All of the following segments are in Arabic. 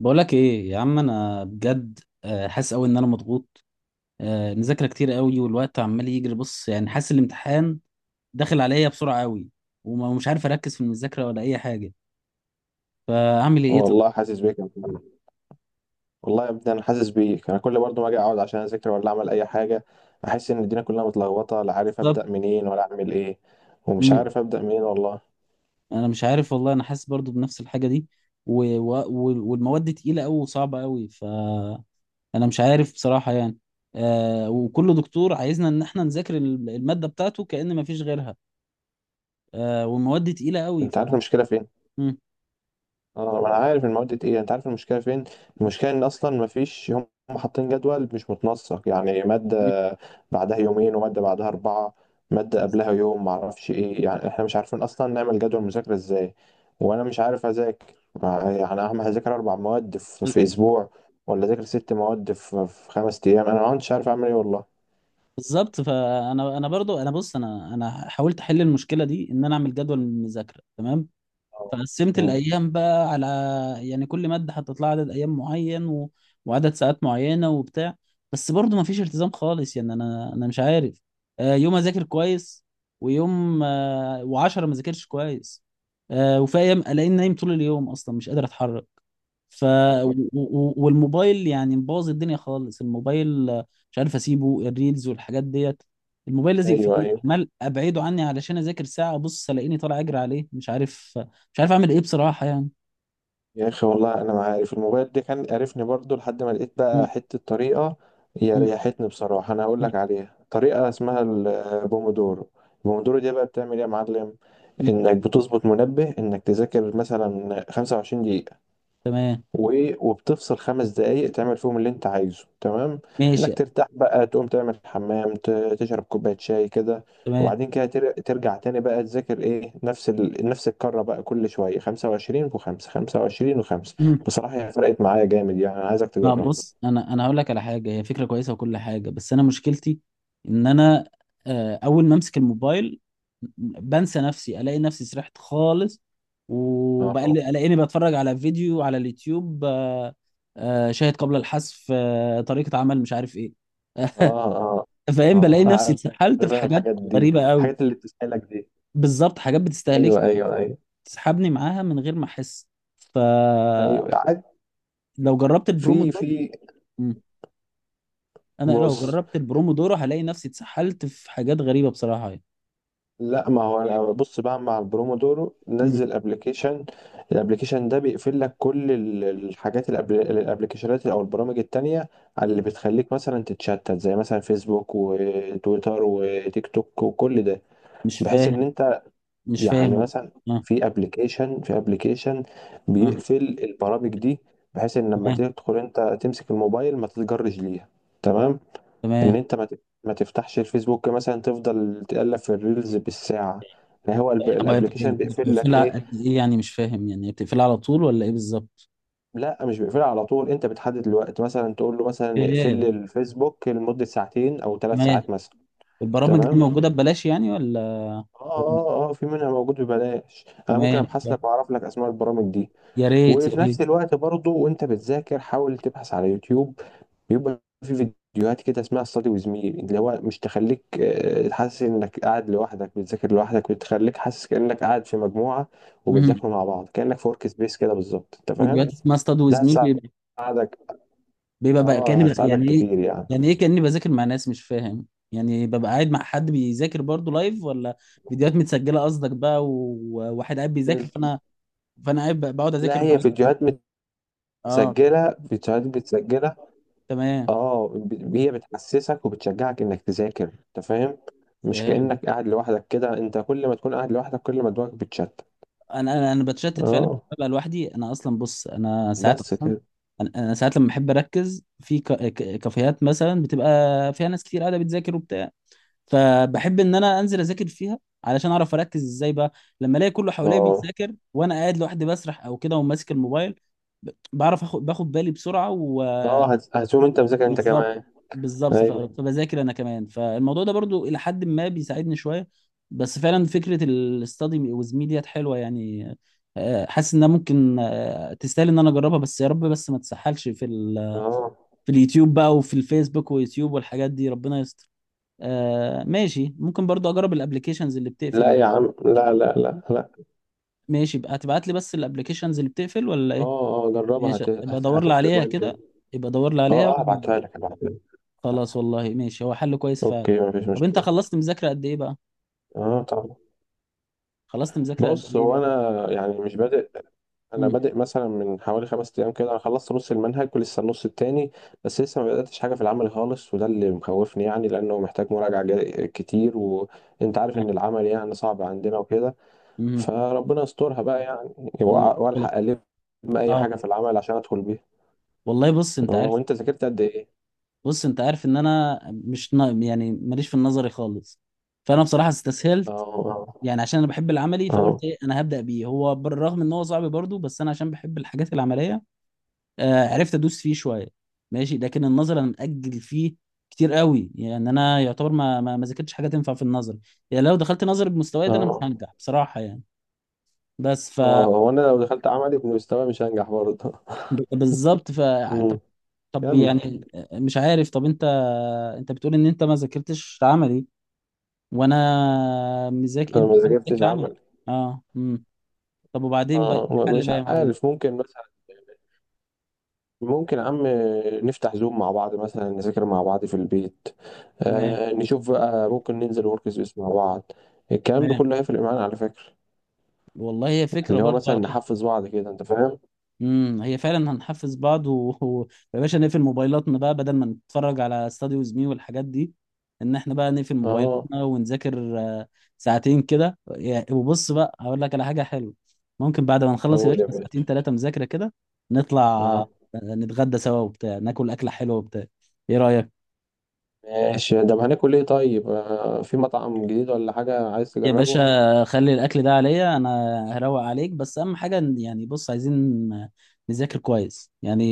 بقولك ايه يا عم، انا بجد حاسس قوي ان انا مضغوط. مذاكره كتير قوي، والوقت عمال يجري، بص يعني حاسس الامتحان داخل عليا بسرعه قوي. ومش عارف اركز في المذاكره ولا اي حاجه. فاعمل ايه طب؟ والله حاسس بيك يا محمد. والله يا ابني، انا حاسس بيك. انا كل برضه ما اجي اقعد عشان اذاكر ولا اعمل اي حاجه، احس ان الدنيا كلها متلخبطه، لا عارف بالظبط. ابدا منين ولا اعمل ايه. ومش مم. عارف ابدا منين والله. انا مش عارف والله، انا حاسس برضو بنفس الحاجه دي. والمواد تقيله قوي وصعبه قوي، فانا مش عارف بصراحه يعني. آه، وكل دكتور عايزنا ان احنا نذاكر الماده بتاعته كأن ما فيش غيرها. آه، والمواد تقيله قوي، انت عارف المشكله فين؟ مم. اه، ما انا عارف المواد دي تقيلة. انت عارف المشكلة فين؟ المشكلة ان اصلا ما فيش هم حاطين جدول مش متنسق. يعني مادة بعدها يومين، ومادة بعدها اربعة، مادة قبلها يوم، ما اعرفش ايه. يعني احنا مش عارفين اصلا نعمل جدول مذاكرة ازاي. وانا مش عارف اذاكر. يعني اهم هذاكر 4 مواد في اسبوع، ولا اذاكر 6 مواد في 5 ايام. انا ما كنتش عارف اعمل ايه والله. بالظبط، فانا برضو، انا بص، انا حاولت احل المشكله دي ان انا اعمل جدول من المذاكره، تمام. أو- فقسمت مم. الايام بقى على، يعني كل ماده حطيت لها عدد ايام معين وعدد ساعات معينه وبتاع. بس برضو ما فيش التزام خالص، يعني انا مش عارف. يوم اذاكر كويس، ويوم وعشرة ما ذاكرش كويس. وفي ايام الاقيني نايم طول اليوم، اصلا مش قادر اتحرك. ف أو- والموبايل يعني مبوظ الدنيا خالص، الموبايل مش عارف اسيبه، الريلز والحاجات ديت. الموبايل لازق في ايوه، ايدي، ايوه. عمال ابعده عني علشان اذاكر، ساعه ابص الاقيني طالع اجري عليه، مش عارف. مش عارف اعمل ايه بصراحة يعني. يا اخي والله انا ما عارف الموبايل ده كان قرفني برضو، لحد ما لقيت مم. بقى حته طريقه هي مم. ريحتني بصراحه. انا هقول مم. لك عليها، طريقه اسمها البومودورو. البومودورو دي بقى بتعمل ايه يا معلم؟ مم. انك بتظبط منبه انك تذاكر مثلا 25 دقيقه، تمام. وبتفصل 5 دقايق تعمل فيهم اللي انت عايزه. تمام، ماشي. انك ترتاح بقى، تقوم تعمل حمام، تشرب كوباية شاي كده. تمام. وبعدين كده ترجع تاني بقى تذاكر. ايه، نفس الكرة بقى، كل شوية 25 و5، 25 و5. مم. بصراحة هي فرقت معايا جامد، يعني انا عايزك ما تجربها. بص، انا انا هقول لك على حاجة، هي فكرة كويسة وكل حاجة، بس انا مشكلتي ان انا، اول ما امسك الموبايل بنسى نفسي، الاقي نفسي سرحت خالص، اه، اه، وبلاقيني بتفرج على فيديو على اليوتيوب. شاهد قبل الحذف، طريقة عمل مش عارف ايه. اه، فاهم، اه، بلاقي نفسي عارف. اتسحلت في انا حاجات الحاجات دي غريبة قوي. الحاجات اللي بتسألك دي. بالظبط، حاجات بتستهلك، ايوه، ايوه، ايوه. تسحبني معاها من غير ما احس. فلو ايوه، جربت في البرومودورو. في مم. انا لو بص. جربت البرومودورو هلاقي نفسي اتسحلت في حاجات غريبة بصراحة يعني. لا، ما هو انا بص بقى. مع البرومودورو مم. نزل ابلكيشن. الابلكيشن ده بيقفل لك كل الحاجات، الابلكيشنات او البرامج التانية، على اللي بتخليك مثلا تتشتت، زي مثلا فيسبوك وتويتر وتيك توك وكل ده، مش بحيث ان فاهم. انت. مش يعني فاهم. مثلا، اه. في ابلكيشن اه. بيقفل البرامج دي، بحيث ان لما تمام. تدخل انت تمسك الموبايل ما تتجرش ليها. تمام، ان تمام. انت ما تفتحش الفيسبوك، مثلا تفضل تقلب في الريلز بالساعه. يعني هو طب هي الابليكيشن بيقفل لك بتقفلها ايه. قد ايه؟ يعني مش فاهم، يعني هي بتقفلها على طول ولا ايه بالظبط؟ لا، مش بيقفلها على طول، انت بتحدد الوقت، مثلا تقول له مثلا اقفل ياه. لي الفيسبوك لمده ساعتين او ثلاث تمام. ساعات مثلا. البرامج دي تمام. موجودة ببلاش يعني، ولا؟ اه، اه، اه، في منها موجود ببلاش. انا ممكن تمام. ابحث لك واعرف لك اسماء البرامج دي. يا ريت يا وفي ريت. نفس الوقت برضه وانت بتذاكر حاول تبحث على يوتيوب. بيبقى في فيديوهات كده اسمها ستادي ويز مي، اللي هو مش تخليك حاسس انك قاعد لوحدك بتذاكر لوحدك، بتخليك حاسس كأنك قاعد في مجموعة مم. وبتذاكروا مع بعض، كأنك في ورك سبيس كده بالظبط، انت فاهم. فيديوهات اسمها استاد ده وزميل؟ هتساعدك. بيبقى بقى اه، كأني بقى هتساعدك يعني ايه؟ كتير يعني. يعني ايه كأني بذاكر مع ناس؟ مش فاهم. يعني ببقى قاعد مع حد بيذاكر برضه لايف، ولا فيديوهات متسجلة قصدك بقى، وواحد قاعد بيذاكر بس فانا، فانا قاعد بقعد لا، اذاكر هي معاك؟ فيديوهات اه. متسجلة، فيديوهات متسجلة. تمام. اه، هي بتحسسك وبتشجعك انك تذاكر، انت فاهم. مش فاهم. كأنك قاعد لوحدك كده، انت كل ما تكون قاعد لوحدك كل ما دماغك بتشتت. انا بتشتت فعلا، اه، ببقى لوحدي. انا اصلا بص، انا ساعات بس اصلا، كده. انا ساعات لما بحب اركز في كافيهات مثلا، بتبقى فيها ناس كتير قاعده بتذاكر وبتاع، فبحب ان انا انزل اذاكر فيها علشان اعرف اركز ازاي بقى. لما الاقي كله حواليا اه، بيذاكر وانا قاعد لوحدي بسرح او كده وماسك الموبايل، بعرف اخد، باخد بالي بسرعه اه، وبالظبط. هتقوم انت مذاكر انت كمان. بالظبط، ايوه، فبذاكر انا كمان، فالموضوع ده برضو الى حد ما بيساعدني شويه. بس فعلا فكره الاستادي ويز مي ديت حلوه يعني. حاسس انها ممكن تستاهل ان انا اجربها، بس يا رب، بس ما تسحلش في اه. في اليوتيوب بقى وفي الفيسبوك ويوتيوب والحاجات دي، ربنا يستر. آه، ماشي، ممكن برضو اجرب الابلكيشنز اللي لا بتقفل. يا عم، لا، لا، لا، لا. ماشي بقى، هتبعت لي بس الابلكيشنز اللي بتقفل ولا ايه؟ اه، اه، جربها، ماشي، هت... ابقى هت... ادور لي هتفرق عليها معاك كده، جامد. يبقى ادور لي عليها اه، و- اه، هبعتها لك، هبعتها لك. خلاص، والله ماشي، هو حل كويس فعلا. اوكي، مفيش طب انت مشكلة. خلصت مذاكرة قد ايه بقى؟ اه، طبعا. خلصت مذاكرة قد بص، ايه هو بقى؟ انا يعني مش بادئ. انا امم. بادئ مثلا من حوالي 5 ايام كده. انا خلصت نص المنهج ولسه النص التاني، بس لسه ما بداتش حاجه في العمل خالص، وده اللي مخوفني يعني، لانه محتاج مراجعه كتير، وانت عارف ان العمل يعني صعب عندنا وكده. امم. فربنا يسترها بقى يعني. وأ- والله والله- والحق الم اي اه. حاجه في العمل عشان ادخل بيها. والله بص اه، انت عارف. وانت ذاكرت قد ايه؟ بص انت عارف ان انا مش نا... يعني ماليش في النظري خالص، فانا بصراحة اه، استسهلت. اه، يعني عشان انا بحب العملي، فقلت اه، ايه، انا هبدأ بيه. هو بالرغم ان هو صعب برضه، بس انا عشان بحب الحاجات العملية، آه عرفت ادوس فيه شوية. ماشي. لكن النظر انا مأجل فيه كتير قوي، يعني انا يعتبر ما ذاكرتش حاجة تنفع في النظر. يعني لو دخلت نظر بمستواي ده انا مش اه، هنجح بصراحة يعني. بس ف اه. وانا لو دخلت عملي بمستوى مش هنجح برضه. بالظبط ف طب، أمم، طب كمل. يعني، مش عارف. طب انت، انت بتقول ان انت ما ذاكرتش عملي، وانا مذاكر. انا انت؟ ما أنا ذاكرتش مذاكر عملي. عمل. اه. امم. طب وبعدين بقى إيه اه، الحل مش بقى يا معلم؟ عارف. ممكن مثلا، ممكن يا عم نفتح زوم مع بعض مثلا، نذاكر مع بعض في البيت. تمام. نشوف بقى ممكن ننزل ورك سبيس مع بعض. الكلام ده تمام. كله هيفرق معانا على فكرة. والله هي فكرة اللي هو برضه مثلا على فكرة. نحفز بعض كده، انت فاهم. امم، هي فعلا هنحفز بعض و... يا باشا نقفل موبايلاتنا بقى بدل ما نتفرج على استاديوز مي والحاجات دي. ان احنا بقى نقفل اه، موبايلاتنا ونذاكر ساعتين كده، يا- وبص بقى هقول لك على حاجة حلوة. ممكن بعد ما نخلص يا قول باشا يا ساعتين باشا. ثلاثة مذاكرة كده، نطلع اه، نتغدى سوا وبتاع، ناكل أكلة حلوة وبتاع. ايه رأيك؟ ماشي. طب هناكل ايه طيب؟ في مطعم جديد ولا حاجة عايز يا تجربه؟ باشا خلي الاكل ده عليا انا، هروق عليك، بس اهم حاجه إن- يعني بص، عايزين نذاكر كويس يعني.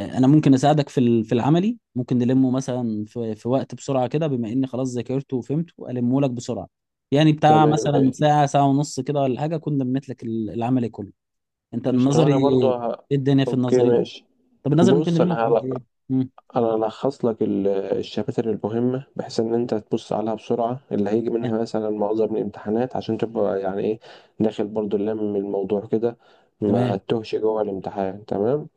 انا ممكن اساعدك في في العملي، ممكن نلمه مثلا في وقت بسرعه كده، بما اني خلاص ذاكرته وفهمته، المه لك بسرعه، يعني بتاع تمام، مثلا ماشي. ساعه، ساعه ونص كده ولا حاجه كنا لميت لك العملي كله. انت قشطة، النظري وانا برضو ايه؟ الدنيا في اوكي النظري. ماشي. طب النظري ممكن بص، انا نلمه في قد ايه؟ مم، الخص لك الشباتر المهمه، بحيث ان انت تبص عليها بسرعه، اللي هيجي منها يعني مثلا معظم الامتحانات، عشان تبقى يعني ايه، داخل برضو. لم الموضوع كده، تمام. ما تتوهش جوه الامتحان. تمام.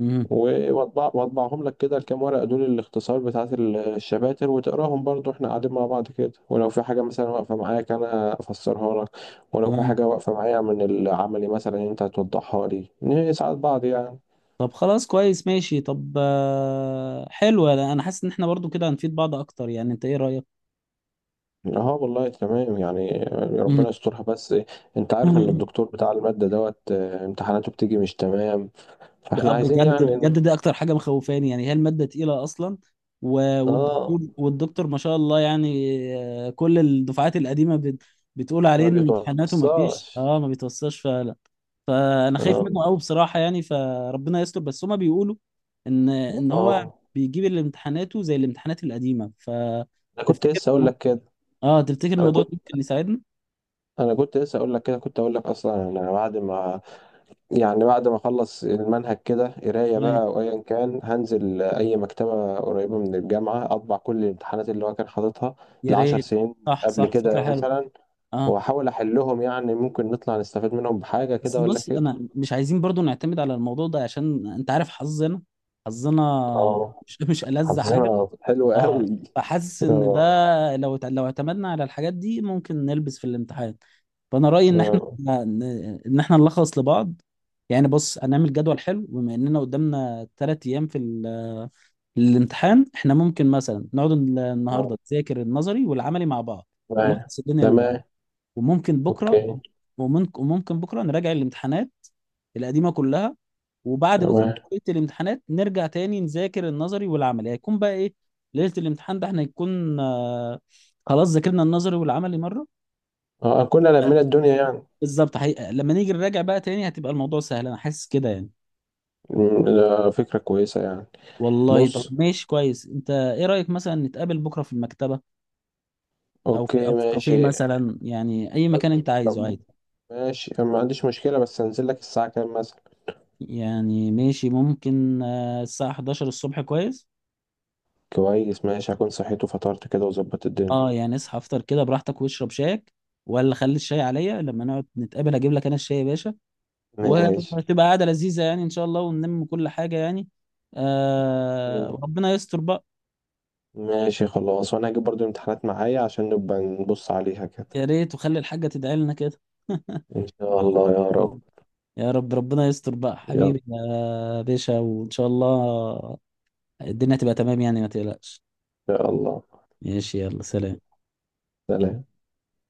مم، واطبع واطبعهم لك كده الكام ورقه دول، الاختصار بتاعت الشباتر، وتقراهم برضو احنا قاعدين مع بعض كده، ولو في حاجه مثلا واقفه معاك انا افسرها لك، ولو في تمام. حاجه واقفه معايا من العملي مثلا انت هتوضحها لي. نساعد بعض يعني. طب خلاص كويس، ماشي. طب حلو، انا حاسس ان احنا برضو كده هنفيد بعض اكتر، يعني انت ايه رأيك؟ اه والله تمام يعني. مم. ربنا يسترها، بس انت عارف ان مم. الدكتور بتاع المادة دوت امتحاناته بتيجي مش تمام. فاحنا بقى عايزين بجد، يعني بجد دي اكتر حاجة مخوفاني، يعني هي المادة تقيلة اصلا، اه، والدكتور ما شاء الله يعني. كل الدفعات القديمة بتقول عليه ما ان امتحاناته ما فيش، بيتوصاش. اه ما بيتوصلش فعلا. فانا خايف اه، منه قوي بصراحة يعني، فربنا يستر. بس هما بيقولوا ان هو اه، بيجيب الامتحاناته زي الامتحانات القديمة، انا كنت فتفتكر؟ لسه اقول لك كده. اه، تفتكر انا الموضوع ده كنت ممكن يساعدنا؟ انا كنت لسه اقول لك كده. كنت اقول لك اصلا، انا بعد ما، يعني بعد ما اخلص المنهج كده قرايه بقى تمام، او ايا كان، هنزل اي مكتبه قريبه من الجامعه اطبع كل الامتحانات اللي هو كان حاططها يا لعشر ريت. سنين صح قبل صح، فكره كده حلوه. مثلا، اه، واحاول احلهم. يعني ممكن نطلع نستفاد منهم بحاجه بس كده ولا بص كده. انا مش عايزين برضو نعتمد على الموضوع ده، عشان انت عارف حظنا، حظنا اه، مش مش ألذ حاجه. حظنا حلو اه. قوي. فحاسس ان ده اه، لو اعتمدنا على الحاجات دي ممكن نلبس في الامتحان. فانا رايي ان احنا، اه، ان احنا نلخص لبعض. يعني بص، هنعمل جدول حلو، بما اننا قدامنا ثلاث ايام في الامتحان، احنا ممكن مثلا نقعد آه. النهارده نذاكر النظري والعملي مع بعض، تمام، نلخص الدنيا لبعض. تمام، وممكن بكره، اوكي، وممكن بكره نراجع الامتحانات القديمه كلها. وبعد بكره تمام. ليله الامتحانات نرجع تاني نذاكر النظري والعملي، هيكون بقى ايه، ليله الامتحان ده احنا يكون آه، خلاص ذاكرنا النظري والعملي مره. اه، كنا لمينا الدنيا يعني. بالظبط، حقيقة. لما نيجي نراجع بقى تاني هتبقى الموضوع سهل، انا حاسس كده يعني. ده فكره كويسه يعني. والله طب بص، ماشي كويس. انت ايه رايك مثلا نتقابل بكره في المكتبه، او اوكي في كافيه ماشي. مثلا، يعني اي طب مكان انت عايزه طب عادي. ماشي، أنا ما عنديش مشكله، بس هنزل لك الساعه كام مثلا؟ يعني ماشي، ممكن الساعة 11 الصبح كويس. كويس ماشي، هكون صحيت وفطرت كده وظبطت الدنيا. اه يعني اصحى افطر كده براحتك واشرب شايك، ولا خلي الشاي عليا لما نقعد نتقابل، اجيب لك انا الشاي يا باشا. ماشي. وهتبقى قعدة لذيذة يعني ان شاء الله، ونلم كل حاجة يعني. آه، وربنا يستر بقى. ماشي خلاص، وانا هجيب برضو الامتحانات معايا عشان نبقى نبص عليها كده. يا ريت، وخلي الحاجة تدعي لنا كده. إن شاء الله يا رب. يا رب، ربنا يستر بقى يلا إن حبيبي يا باشا، وان شاء الله الدنيا تبقى تمام يعني، ما تقلقش. شاء الله. ماشي، يلا سلام. سلام.